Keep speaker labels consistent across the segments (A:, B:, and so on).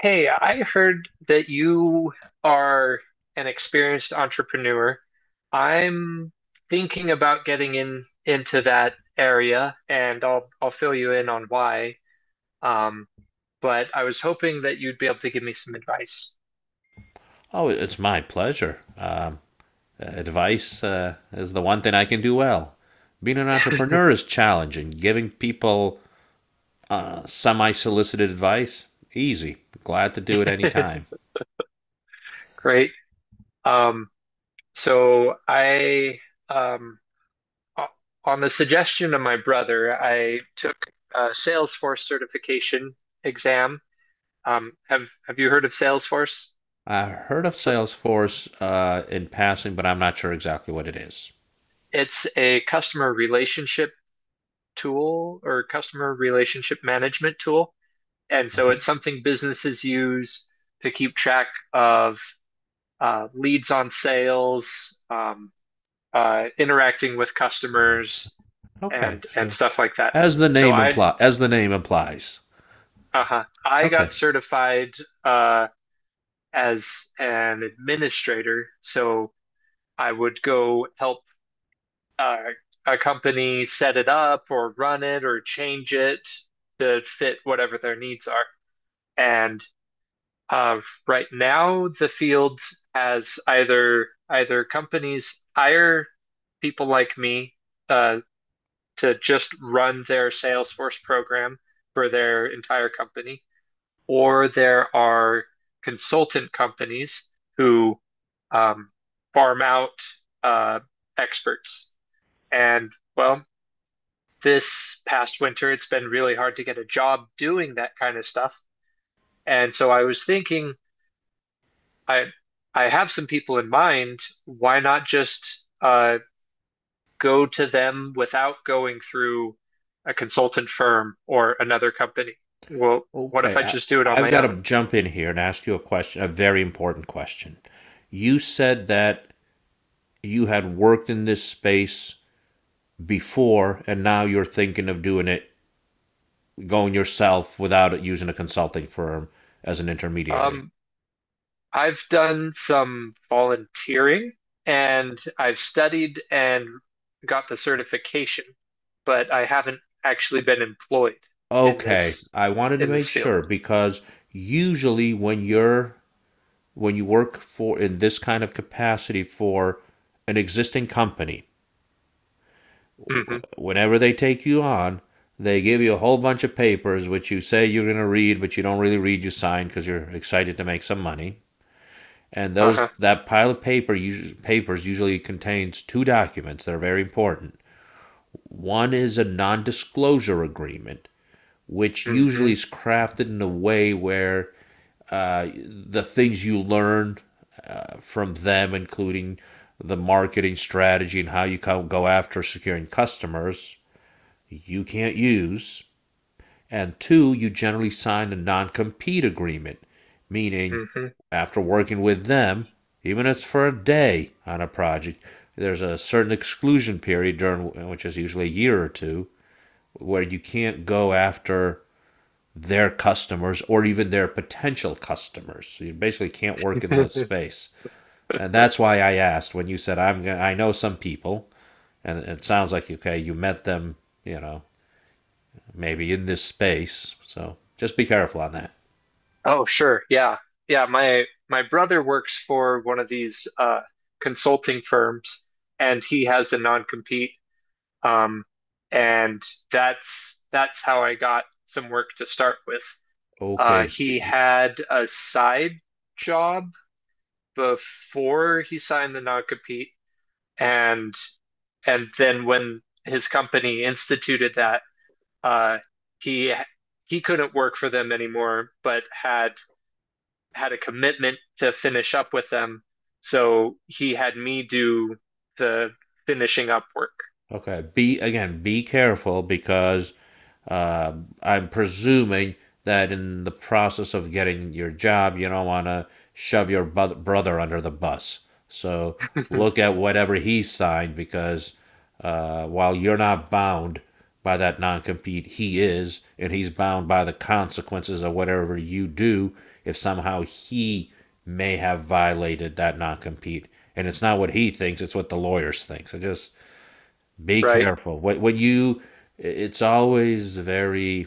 A: Hey, I heard that you are an experienced entrepreneur. I'm thinking about getting in into that area, and I'll fill you in on why. Um, but I was hoping that you'd be able to give me some advice.
B: Oh, it's my pleasure. Advice is the one thing I can do well. Being an entrepreneur is challenging. Giving people semi-solicited advice, easy. Glad to do it any time.
A: Great. Um, so um, o- on the suggestion of my brother, I took a Salesforce certification exam. Have you heard of Salesforce?
B: I heard of
A: So,
B: Salesforce in passing, but I'm not sure exactly what it is.
A: it's a customer relationship tool or customer relationship management tool. And so
B: Okay.
A: it's something businesses use to keep track of leads on sales, interacting with
B: All right.
A: customers,
B: Okay.
A: and
B: So,
A: stuff like that. So I
B: as the name implies.
A: uh-huh, I
B: Okay.
A: got certified uh, as an administrator, so I would go help uh, a company set it up or run it or change it to fit whatever their needs are. And uh, right now, the field has either companies hire people like me uh, to just run their Salesforce program for their entire company, or there are consultant companies who um, farm out uh, experts. And well, this past winter, it's been really hard to get a job doing that kind of stuff. And so I was thinking, I I have some people in mind. Why not just go to them without going through a consultant firm or another company? Well, what if
B: Okay.
A: I
B: I,
A: just do it on
B: I've
A: my
B: got to
A: own?
B: jump in here and ask you a question, a very important question. You said that you had worked in this space before and now you're thinking of doing it going yourself without using a consulting firm as an intermediary.
A: Um, I've done some volunteering and I've studied and got the certification, but I haven't actually been employed in
B: Okay, I wanted to
A: this
B: make
A: field.
B: sure because usually when you're when you work for in this kind of capacity for an existing company,
A: Hmm.
B: whenever they take you on, they give you a whole bunch of papers which you say you're going to read, but you don't really read, you sign because you're excited to make some money. And those
A: Uh-huh.
B: that pile of paper usually, papers usually contains two documents that are very important. One is a non-disclosure agreement, which usually
A: Hmm.
B: is crafted in a way where the things you learn from them, including the marketing strategy and how you go after securing customers, you can't use, and two, you generally sign a non compete agreement, meaning
A: Hmm.
B: after working with them, even if it's for a day on a project, there's a certain exclusion period during which is usually a year or two where you can't go after their customers or even their potential customers. So you basically can't work in that space. And that's why I asked when you said I'm gonna I know some people and it sounds like okay, you met them, you know, maybe in this space. So just be careful on that.
A: Oh, sure. Yeah. Yeah, my brother works for one of these consulting firms and he has a non-compete, um and that's how I got some work to start with.
B: Okay.
A: He had a side job before he signed the non-compete, and then when his company instituted that, uh, he he couldn't work for them anymore, but had a commitment to finish up with them. So he had me do the finishing up work.
B: Okay. Be careful because uh, I'm presuming that in the process of getting your job, you don't want to shove your brother under the bus. So look at whatever he signed because while you're not bound by that non compete, he is, and he's bound by the consequences of whatever you do if somehow he may have violated that non compete. And it's not what he thinks, it's what the lawyers think. So just be
A: Right?
B: careful. What you It's always very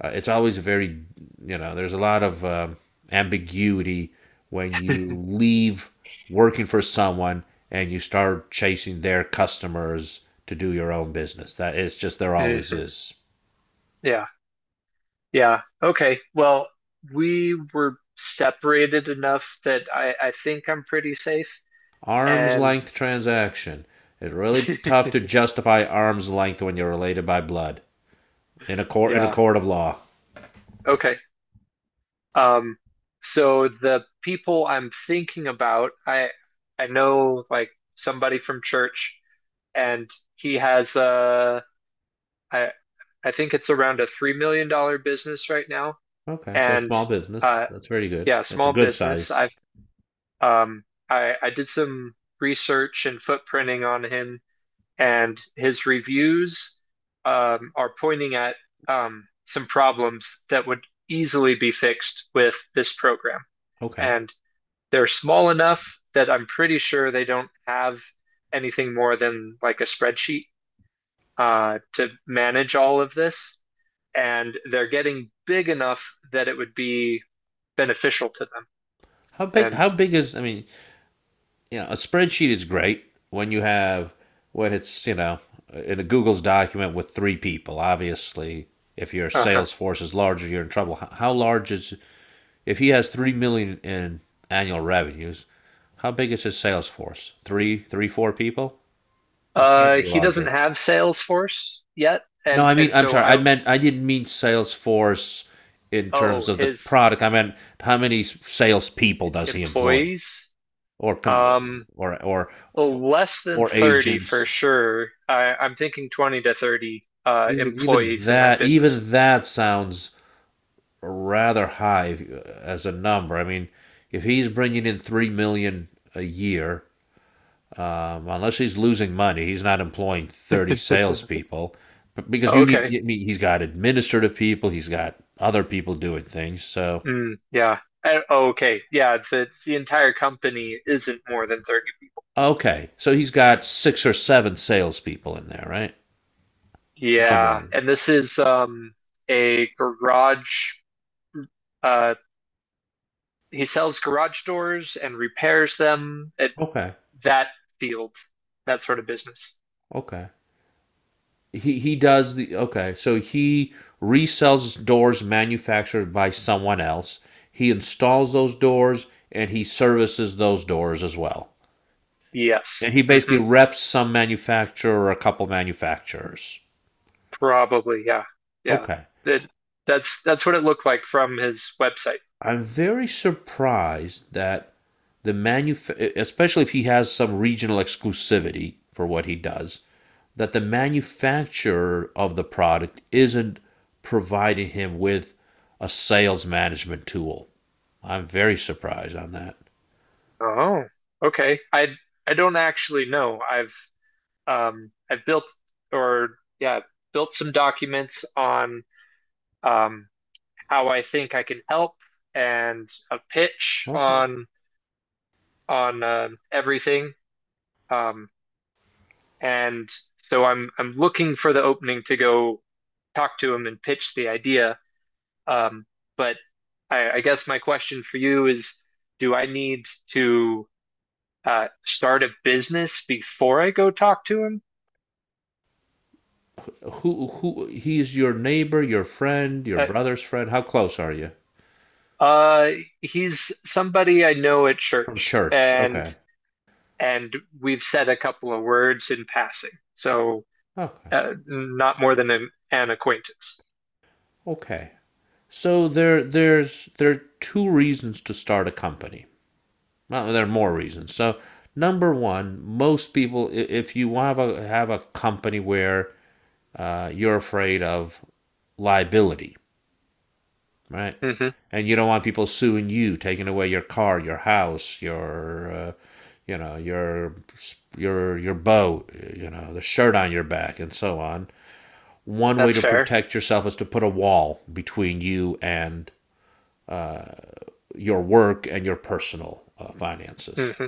B: uh, it's always very you know, there's a lot of ambiguity when you leave working for someone and you start chasing their customers to do your own business. That it's just there always
A: Mhm.
B: is.
A: Yeah. Yeah. Okay. Well, we were separated enough that I think I'm pretty safe.
B: Arm's
A: And
B: length transaction. It's really tough to justify arm's length when you're related by blood in a
A: yeah.
B: court of law.
A: Okay. Um, so the people I'm thinking about, I know like somebody from church, and he has I I think it's around a $3 million business right now.
B: Okay, so
A: And
B: small business.
A: uh
B: That's very good.
A: yeah,
B: That's a
A: small
B: good
A: business.
B: size.
A: Um I I did some research and footprinting on him and his reviews are pointing at some problems that would easily be fixed with this program.
B: Okay.
A: And they're small enough that I'm pretty sure they don't have anything more than like a spreadsheet to manage all of this. And they're getting big enough that it would be beneficial to them.
B: How big?
A: And
B: How big is? I mean, you know, a spreadsheet is great when you have when it's, you know, in a Google's document with three people. Obviously, if your
A: uh-huh.
B: sales force is larger, you're in trouble. How large is, if he has 3 million in annual revenues? How big is his sales force? Three, four people. It
A: Uh,
B: can't be
A: he doesn't
B: larger.
A: have Salesforce yet,
B: No,
A: and
B: I mean, I'm
A: so
B: sorry. I
A: I.
B: meant I didn't mean sales force in terms
A: Oh,
B: of the
A: his
B: product. I meant how many salespeople does he employ,
A: employees.
B: or con-
A: Um,
B: or
A: well, less than 30 for
B: agents.
A: sure. I'm thinking 20 to 30 employees in that business.
B: Even that sounds rather high as a number. I mean, if he's bringing in 3 million a year, unless he's losing money, he's not employing 30 salespeople. But because you need,
A: Okay.
B: I mean, he's got administrative people, he's got other people doing things. So
A: Mm, yeah. Okay. Yeah. The entire company isn't more than 30 people.
B: okay, so he's got six or seven salespeople in there, right? No
A: Yeah.
B: more.
A: And this is a garage uh he sells garage doors and repairs them at
B: Okay,
A: that field, that sort of business.
B: okay. He does the okay. So he resells doors manufactured by someone else. He installs those doors and he services those doors as well. And
A: Yes.
B: he basically
A: Hmm.
B: reps some manufacturer or a couple manufacturers.
A: Probably, yeah. Yeah.
B: Okay.
A: That that's what it looked like from his website.
B: I'm very surprised that the manuf especially if he has some regional exclusivity for what he does, that the manufacturer of the product isn't providing him with a sales management tool. I'm very surprised on that.
A: Oh, okay. I don't actually know. I've built or yeah, built some documents on um how I think I can help and a pitch
B: Okay.
A: on on everything. Um and so I'm looking for the opening to go talk to him and pitch the idea. Um, but I guess my question for you is, do I need to start a business before I go talk to him?
B: Who, he's your neighbor, your friend, your
A: Uh,
B: brother's friend? How close are you?
A: uh, he's somebody I know at
B: From
A: church,
B: church.
A: and
B: Okay.
A: and we've said a couple of words in passing, so
B: Okay.
A: not more than an acquaintance.
B: Okay. So there are two reasons to start a company. Well, there are more reasons. So number one, most people, if you have a company where you're afraid of liability, right?
A: Hmm.
B: And you don't want people suing you, taking away your car, your house, your, you know, your boat, you know, the shirt on your back, and so on. One way
A: That's
B: to
A: fair.
B: protect yourself is to put a wall between you and uh, your work and your personal finances.
A: Hmm.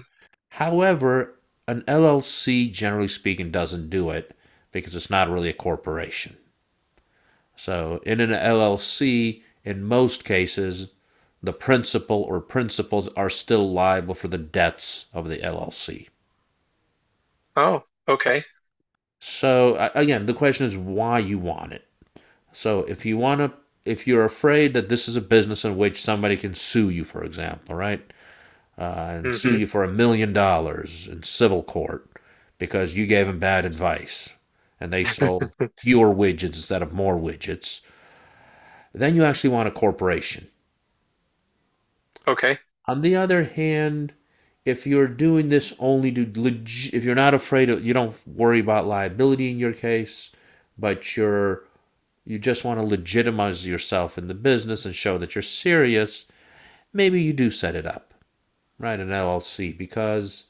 B: However, an LLC, generally speaking, doesn't do it because it's not really a corporation. So, in an LLC, in most cases, the principal or principals are still liable for the debts of the LLC.
A: Oh, okay.
B: So again, the question is why you want it. So if you're afraid that this is a business in which somebody can sue you, for example, right, uh, and sue
A: Hmm.
B: you for $1 million in civil court because you gave them bad advice and they sold fewer widgets instead of more widgets, then you actually want a corporation.
A: Okay.
B: On the other hand, if you're doing this only to if you're not afraid of, you don't worry about liability in your case, but you're, you just want to legitimize yourself in the business and show that you're serious, maybe you do set it up, right? An LLC because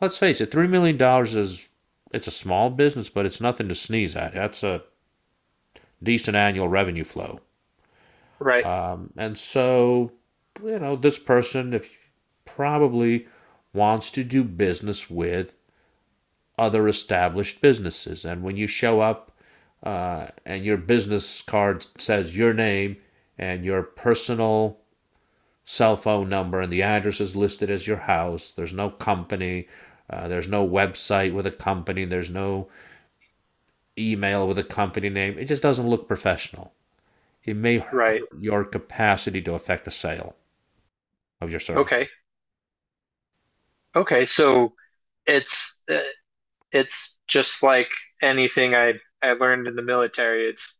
B: let's face it, 3 million dollars is, it's a small business, but it's nothing to sneeze at. That's a decent annual revenue flow.
A: Right.
B: And so, you know, this person if probably wants to do business with other established businesses. And when you show up and your business card says your name and your personal cell phone number and the address is listed as your house, there's no company, there's no website with a company, there's no email with a company name, it just doesn't look professional. It may
A: Right.
B: hurt your capacity to affect a sale of your service.
A: Okay. Okay. So it's uh, it's just like anything I learned in the military. It's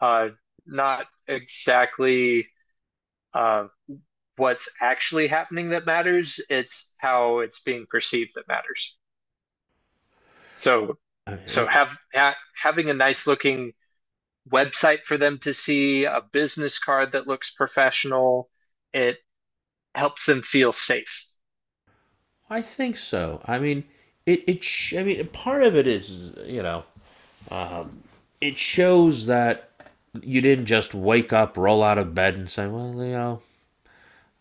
A: uh, not exactly uh, what's actually happening that matters. It's how it's being perceived that matters. So
B: Uh, is
A: so
B: it-
A: have ha having a nice looking website for them to see, a business card that looks professional, it helps them feel safe.
B: I think so. I mean, I mean, part of it is, you know, um, it shows that you didn't just wake up, roll out of bed, and say, "Well, you know,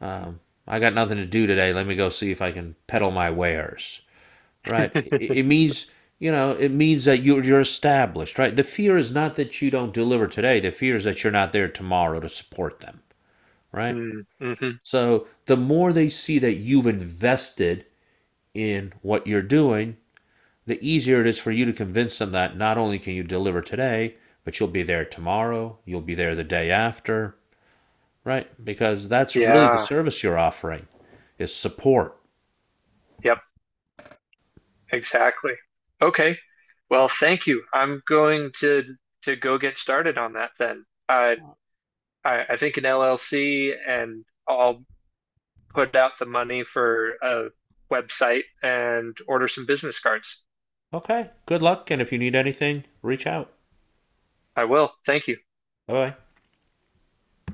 B: um, I got nothing to do today. Let me go see if I can peddle my wares." Right? It means, you know, it means that you're established, right? The fear is not that you don't deliver today. The fear is that you're not there tomorrow to support them, right?
A: Mm-hmm.
B: So the more they see that you've invested in what you're doing, the easier it is for you to convince them that not only can you deliver today, but you'll be there tomorrow, you'll be there the day after, right? Because that's really the
A: Yeah.
B: service you're offering is support.
A: Yep. Exactly. Okay. Well, thank you. I'm going to go get started on that then. I think an LLC and I'll put out the money for a website and order some business cards.
B: Okay, good luck. And if you need anything, reach out.
A: I will. Thank you.
B: Bye bye.